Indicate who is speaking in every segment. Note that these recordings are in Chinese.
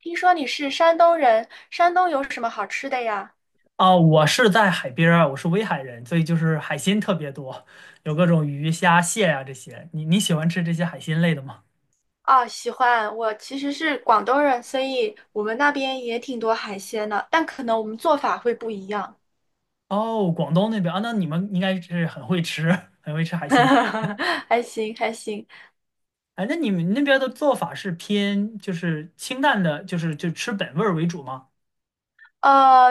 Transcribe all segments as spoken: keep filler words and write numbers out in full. Speaker 1: 听说你是山东人，山东有什么好吃的呀？
Speaker 2: 啊，我是在海边儿，我是威海人，所以就是海鲜特别多，有各种鱼虾蟹啊这些。你你喜欢吃这些海鲜类的吗？
Speaker 1: 啊，喜欢，我其实是广东人，所以我们那边也挺多海鲜的，但可能我们做法会不一样。
Speaker 2: 哦，广东那边啊，那你们应该是很会吃，很会吃海鲜。
Speaker 1: 还行，还行。
Speaker 2: 哎，那你们那边的做法是偏就是清淡的，就是就吃本味儿为主吗？
Speaker 1: 呃，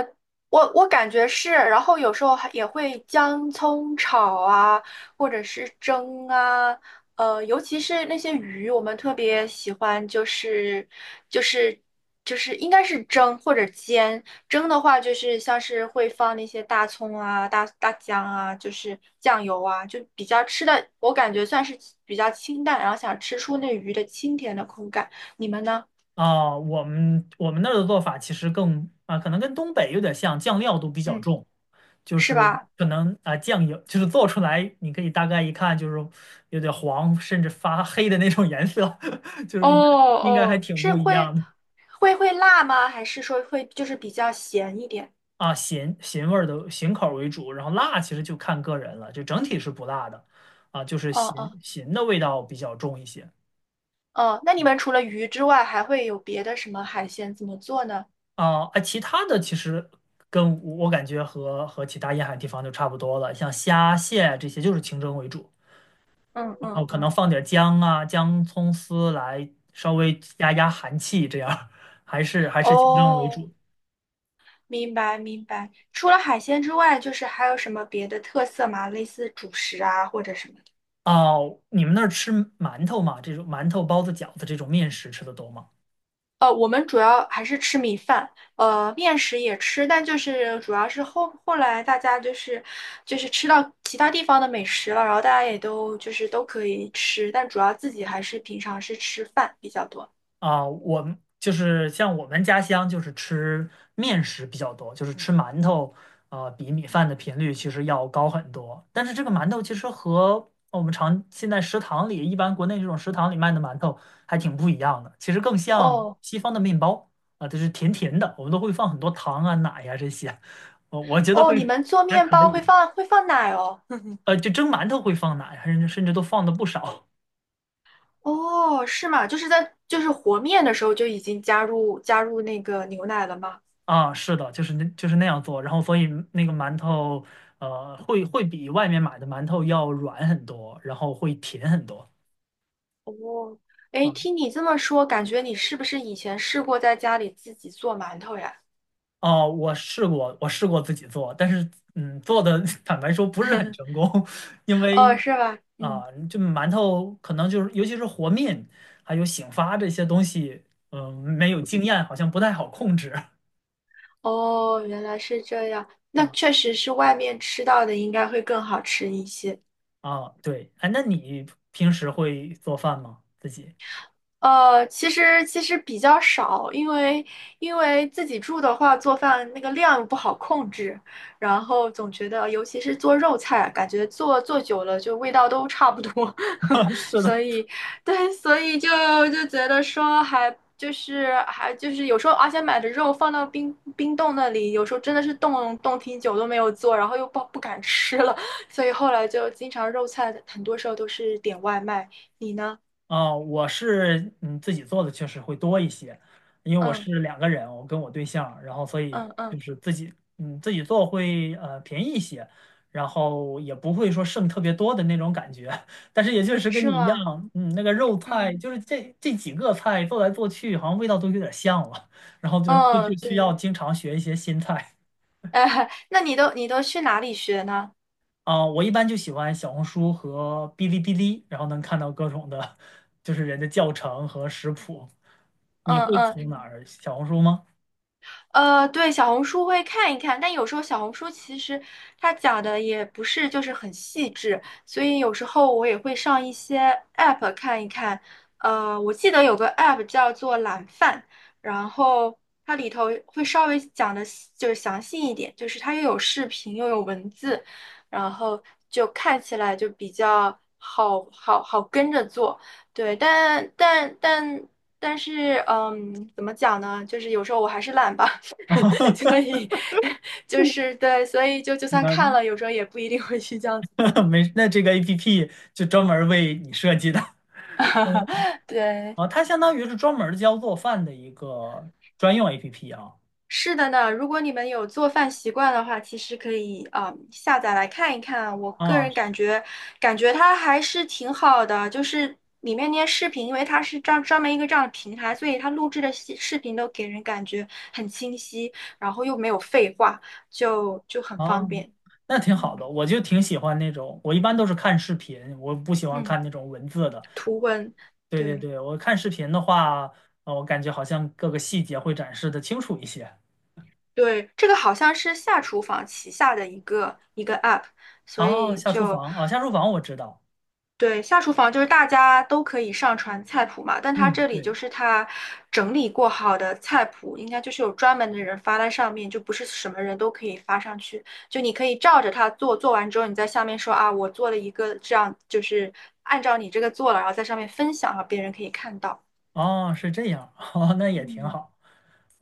Speaker 1: 我我感觉是，然后有时候还也会姜葱炒啊，或者是蒸啊，呃，尤其是那些鱼，我们特别喜欢，就是就是就是应该是蒸或者煎。蒸的话，就是像是会放那些大葱啊、大大姜啊，就是酱油啊，就比较吃的，我感觉算是比较清淡，然后想吃出那鱼的清甜的口感。你们呢？
Speaker 2: 啊，我们我们那儿的做法其实更啊，可能跟东北有点像，酱料都比较
Speaker 1: 嗯，
Speaker 2: 重。就
Speaker 1: 是
Speaker 2: 是
Speaker 1: 吧？
Speaker 2: 可能啊、酱油就是做出来，你可以大概一看就是有点黄，甚至发黑的那种颜色，就
Speaker 1: 哦
Speaker 2: 是应该应该还
Speaker 1: 哦，
Speaker 2: 挺
Speaker 1: 是
Speaker 2: 不一
Speaker 1: 会
Speaker 2: 样的
Speaker 1: 会会辣吗？还是说会就是比较咸一点？
Speaker 2: 啊。咸咸味儿的咸口儿为主，然后辣其实就看个人了，就整体是不辣的啊，就是
Speaker 1: 哦
Speaker 2: 咸
Speaker 1: 哦
Speaker 2: 咸的味道比较重一些
Speaker 1: 哦，那你们除了鱼之外，还会有别的什么海鲜怎么做呢？
Speaker 2: 啊。啊，其他的其实跟我感觉和和其他沿海地方就差不多了，像虾蟹这些就是清蒸为主。
Speaker 1: 嗯
Speaker 2: 哦，
Speaker 1: 嗯
Speaker 2: 可能
Speaker 1: 嗯，
Speaker 2: 放点姜啊、姜、葱丝来稍微压压寒气，这样还是还是清蒸为
Speaker 1: 哦，
Speaker 2: 主。
Speaker 1: 明白明白。除了海鲜之外，就是还有什么别的特色吗？类似主食啊，或者什么？
Speaker 2: 哦，你们那儿吃馒头吗？这种馒头、包子、饺子这种面食吃的多吗？
Speaker 1: 呃，我们主要还是吃米饭，呃，面食也吃，但就是主要是后后来大家就是就是吃到其他地方的美食了，然后大家也都就是都可以吃，但主要自己还是平常是吃饭比较多。
Speaker 2: 啊，我们就是像我们家乡就是吃面食比较多，就是吃馒头，呃，比米饭的频率其实要高很多。但是这个馒头其实和我们常现在食堂里一般国内这种食堂里卖的馒头还挺不一样的，其实更像
Speaker 1: 哦
Speaker 2: 西方的面包啊，就是甜甜的，我们都会放很多糖啊、奶呀、这些，我我觉得
Speaker 1: 哦，
Speaker 2: 会
Speaker 1: 你们做
Speaker 2: 还
Speaker 1: 面
Speaker 2: 可
Speaker 1: 包会
Speaker 2: 以，
Speaker 1: 放会放奶哦？
Speaker 2: 呃，就蒸馒头会放奶，还甚至甚至都放的不少。
Speaker 1: 哦，是吗？就是在就是和面的时候就已经加入加入那个牛奶了吗？
Speaker 2: 啊，是的，就是那就是那样做，然后所以那个馒头，呃，会会比外面买的馒头要软很多，然后会甜很多
Speaker 1: 哦，哎，听
Speaker 2: 啊。
Speaker 1: 你这么说，感觉你是不是以前试过在家里自己做馒头呀？
Speaker 2: 哦，我试过，我试过自己做，但是嗯，做的 坦白说不是很成功，因
Speaker 1: 哦，
Speaker 2: 为
Speaker 1: 是吧？嗯，
Speaker 2: 啊，就馒头可能就是尤其是和面还有醒发这些东西，嗯、没有经验，好像不太好控制。
Speaker 1: 哦，原来是这样。那
Speaker 2: 啊
Speaker 1: 确实是外面吃到的应该会更好吃一些。
Speaker 2: 啊，对，哎，那你平时会做饭吗？自己？
Speaker 1: 呃，其实其实比较少，因为因为自己住的话，做饭那个量不好控制，然后总觉得，尤其是做肉菜，感觉做做久了就味道都差不多，
Speaker 2: 是的。
Speaker 1: 所以对，所以就就觉得说还就是还就是有时候，而且买的肉放到冰冰冻那里，有时候真的是冻冻挺久都没有做，然后又不不敢吃了，所以后来就经常肉菜很多时候都是点外卖。你呢？
Speaker 2: 啊，我是嗯自己做的确实会多一些，因为我
Speaker 1: 嗯
Speaker 2: 是两个人，我跟我对象，然后所以
Speaker 1: 嗯
Speaker 2: 就
Speaker 1: 嗯。
Speaker 2: 是自己嗯自己做会呃便宜一些，然后也不会说剩特别多的那种感觉，但是也确实跟
Speaker 1: 是
Speaker 2: 你一
Speaker 1: 吗？
Speaker 2: 样，嗯那个肉菜
Speaker 1: 嗯，
Speaker 2: 就是这这几个菜做来做去，好像味道都有点像了，然后就就
Speaker 1: 哦，
Speaker 2: 就需要
Speaker 1: 对，
Speaker 2: 经常学一些新菜。
Speaker 1: 哎，那你都你都去哪里学呢？
Speaker 2: 啊、我一般就喜欢小红书和哔哩哔哩，然后能看到各种的，就是人的教程和食谱。你
Speaker 1: 嗯
Speaker 2: 会
Speaker 1: 嗯
Speaker 2: 从哪儿？小红书吗？
Speaker 1: 呃，对，小红书会看一看，但有时候小红书其实它讲的也不是就是很细致，所以有时候我也会上一些 app 看一看。呃，我记得有个 app 叫做懒饭，然后它里头会稍微讲的就是详细一点，就是它又有视频又有文字，然后就看起来就比较好好好跟着做。对，但但但但是，嗯，怎么讲呢？就是有时候我还是懒吧。
Speaker 2: 啊，
Speaker 1: 所以就是对，所以就就算
Speaker 2: 那
Speaker 1: 看了，有时候也不一定会去这样子做。
Speaker 2: 没，那这个 A P P 就专门儿为你设计的
Speaker 1: 对，
Speaker 2: 啊，它相当于是专门儿教做饭的一个专用 A P P 啊
Speaker 1: 是的呢。如果你们有做饭习惯的话，其实可以啊、嗯下载来看一看啊。我个
Speaker 2: 啊
Speaker 1: 人感觉，感觉它还是挺好的，就是里面那些视频，因为它是专专门一个这样的平台，所以它录制的视视频都给人感觉很清晰，然后又没有废话，就就很方
Speaker 2: 啊，
Speaker 1: 便。
Speaker 2: 那挺好
Speaker 1: 嗯
Speaker 2: 的，我就挺喜欢那种，我一般都是看视频，我不喜欢
Speaker 1: 嗯，
Speaker 2: 看那种文字的，
Speaker 1: 图文，
Speaker 2: 对对
Speaker 1: 对。
Speaker 2: 对，我看视频的话，呃我感觉好像各个细节会展示的清楚一些。
Speaker 1: 对，这个好像是下厨房旗下的一个一个 app，所
Speaker 2: 啊。
Speaker 1: 以
Speaker 2: 下厨
Speaker 1: 就
Speaker 2: 房，啊，下厨房我知道。
Speaker 1: 对下厨房就是大家都可以上传菜谱嘛，但它
Speaker 2: 嗯，
Speaker 1: 这里
Speaker 2: 对，
Speaker 1: 就是它整理过好的菜谱，应该就是有专门的人发在上面，就不是什么人都可以发上去，就你可以照着它做，做完之后你在下面说啊，我做了一个这样，就是按照你这个做了，然后在上面分享，让别人可以看到。
Speaker 2: 哦，是这样，哦，那也挺
Speaker 1: 嗯，
Speaker 2: 好。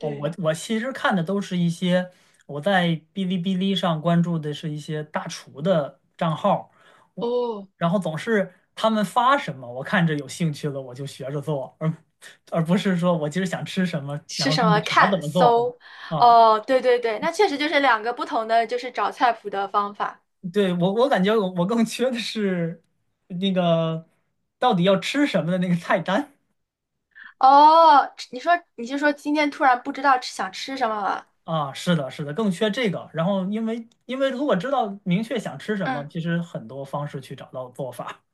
Speaker 2: 哦，我我其实看的都是一些我在哔哩哔哩上关注的是一些大厨的账号，我
Speaker 1: 哦，
Speaker 2: 然后总是他们发什么，我看着有兴趣了我就学着做，而而不是说我今儿想吃什么，然
Speaker 1: 是
Speaker 2: 后
Speaker 1: 什
Speaker 2: 上去
Speaker 1: 么？
Speaker 2: 查怎
Speaker 1: 看
Speaker 2: 么做
Speaker 1: 搜，
Speaker 2: 啊。
Speaker 1: 哦，对对对，那确实就是两个不同的，就是找菜谱的方法。
Speaker 2: 对，我我感觉我我更缺的是那个到底要吃什么的那个菜单
Speaker 1: 哦，你说你就说今天突然不知道吃想吃什么了？
Speaker 2: 啊，是的，是的，更缺这个。然后因为因为如果知道明确想吃什么，
Speaker 1: 嗯，
Speaker 2: 其实很多方式去找到做法。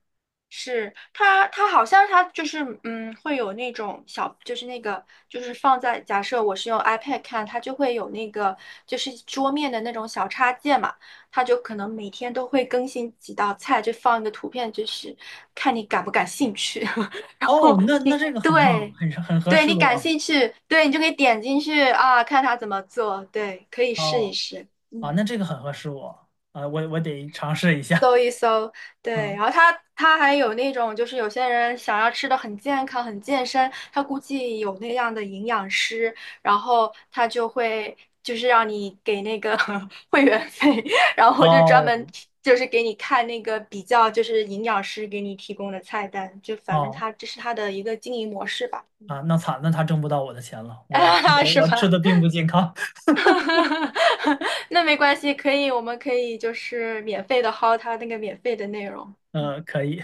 Speaker 1: 是它，它好像它就是嗯，会有那种小，就是那个就是放在假设我是用 iPad 看，它就会有那个就是桌面的那种小插件嘛，它就可能每天都会更新几道菜，就放一个图片，就是看你感不感兴趣。然
Speaker 2: 哦，
Speaker 1: 后
Speaker 2: 那那这个很棒，
Speaker 1: 对，
Speaker 2: 很很合
Speaker 1: 对
Speaker 2: 适
Speaker 1: 你感
Speaker 2: 我。
Speaker 1: 兴趣，对你就可以点进去啊，看他怎么做，对，可以试一
Speaker 2: 哦
Speaker 1: 试，
Speaker 2: 啊，
Speaker 1: 嗯，
Speaker 2: 那这个很合适我啊，我我得尝试一下。
Speaker 1: 搜一搜，对，然
Speaker 2: 嗯，
Speaker 1: 后他他还有那种就是有些人想要吃的很健康、很健身，他估计有那样的营养师，然后他就会就是让你给那个 会员费，然后就专门
Speaker 2: 哦
Speaker 1: 就是给你看那个比较就是营养师给你提供的菜单，就反正
Speaker 2: 哦
Speaker 1: 他这是他的一个经营模式吧，
Speaker 2: 啊，那惨，那他挣不到我的钱了，我
Speaker 1: 啊，是
Speaker 2: 我吃
Speaker 1: 吧？
Speaker 2: 的并不健康。
Speaker 1: 那没关系，可以，我们可以就是免费的薅他那个免费的内容。嗯
Speaker 2: 嗯，可以。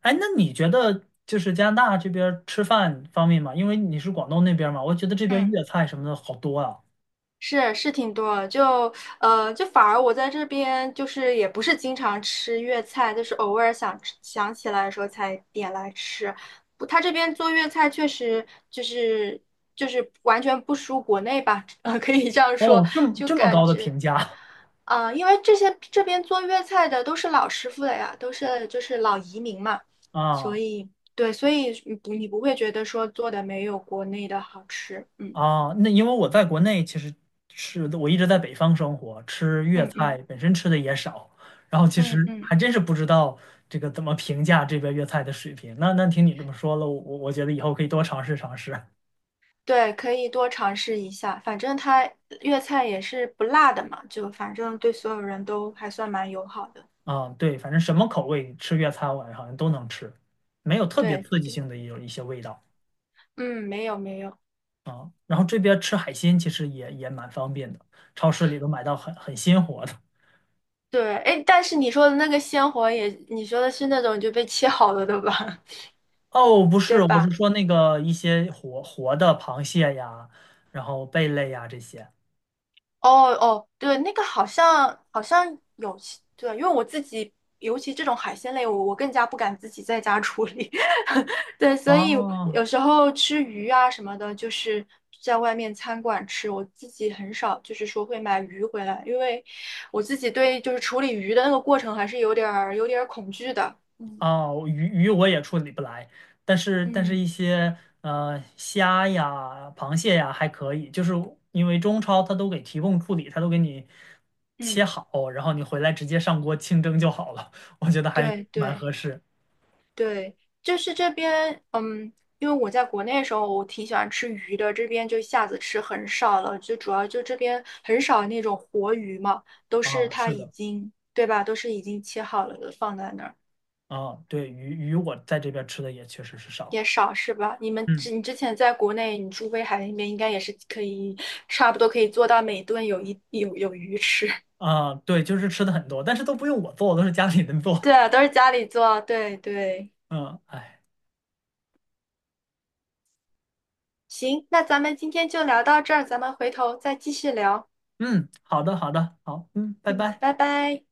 Speaker 2: 哎，那你觉得就是加拿大这边儿吃饭方面嘛？因为你是广东那边儿嘛，我觉得这边
Speaker 1: 嗯。
Speaker 2: 粤菜什么的好多啊。
Speaker 1: 是是挺多的就呃，就反而我在这边就是也不是经常吃粤菜，就是偶尔想吃想起来的时候才点来吃。不，他这边做粤菜确实就是就是完全不输国内吧，呃，可以这样说，
Speaker 2: 哦，这么
Speaker 1: 就
Speaker 2: 这么
Speaker 1: 感
Speaker 2: 高的
Speaker 1: 觉
Speaker 2: 评价
Speaker 1: 啊、呃因为这些这边做粤菜的都是老师傅了呀，都是就是老移民嘛，所
Speaker 2: 啊
Speaker 1: 以对，所以你不你不会觉得说做的没有国内的好吃，嗯
Speaker 2: 啊！那因为我在国内其实吃的，我一直在北方生活，吃粤
Speaker 1: 嗯
Speaker 2: 菜
Speaker 1: 嗯
Speaker 2: 本身吃的也少，然后其
Speaker 1: 嗯
Speaker 2: 实
Speaker 1: 嗯。
Speaker 2: 还真是不知道这个怎么评价这边粤菜的水平。那那听你这么说了，我我我觉得以后可以多尝试尝试
Speaker 1: 对，可以多尝试一下，反正它粤菜也是不辣的嘛，就反正对所有人都还算蛮友好的。
Speaker 2: 啊。对，反正什么口味吃粤菜，我好像都能吃，没有特别
Speaker 1: 对
Speaker 2: 刺激
Speaker 1: 对，
Speaker 2: 性的有一些味道。
Speaker 1: 嗯，没有没有，
Speaker 2: 然后这边吃海鲜其实也也蛮方便的，超市里都买到很很鲜活的。
Speaker 1: 对，哎，但是你说的那个鲜活也，你说的是那种就被切好了的吧？
Speaker 2: 哦，不
Speaker 1: 对
Speaker 2: 是，我是
Speaker 1: 吧？
Speaker 2: 说那个一些活活的螃蟹呀，然后贝类呀这些。
Speaker 1: 哦哦，对，那个好像好像有其对，因为我自己，尤其这种海鲜类，我我更加不敢自己在家处理，对，所以
Speaker 2: 哦
Speaker 1: 有时候吃鱼啊什么的，就是在外面餐馆吃，我自己很少，就是说会买鱼回来，因为我自己对就是处理鱼的那个过程还是有点儿有点儿恐惧的，嗯
Speaker 2: 哦，鱼鱼我也处理不来，但是但是
Speaker 1: 嗯
Speaker 2: 一些呃虾呀、螃蟹呀还可以，就是因为中超它都给提供处理，它都给你切
Speaker 1: 嗯，
Speaker 2: 好，然后你回来直接上锅清蒸就好了，我觉得还
Speaker 1: 对
Speaker 2: 蛮
Speaker 1: 对。
Speaker 2: 合适
Speaker 1: 对，就是这边，嗯，因为我在国内的时候，我挺喜欢吃鱼的，这边就一下子吃很少了，就主要就这边很少那种活鱼嘛，都是
Speaker 2: 啊。
Speaker 1: 它
Speaker 2: 是
Speaker 1: 已
Speaker 2: 的。
Speaker 1: 经，对吧？都是已经切好了的，放在那儿
Speaker 2: 啊，对，鱼鱼我在这边吃的也确实是少，
Speaker 1: 也少是吧？你们
Speaker 2: 嗯，
Speaker 1: 之你之前在国内，你住威海那边应该也是可以，差不多可以做到每顿有一有有鱼吃。
Speaker 2: 啊，对，就是吃的很多，但是都不用我做，都是家里人做，
Speaker 1: 对啊，都是家里做，对对。
Speaker 2: 嗯，哎，
Speaker 1: 行，那咱们今天就聊到这儿，咱们回头再继续聊。
Speaker 2: 嗯，好的，好的，好，嗯，拜
Speaker 1: 嗯，
Speaker 2: 拜。
Speaker 1: 拜拜。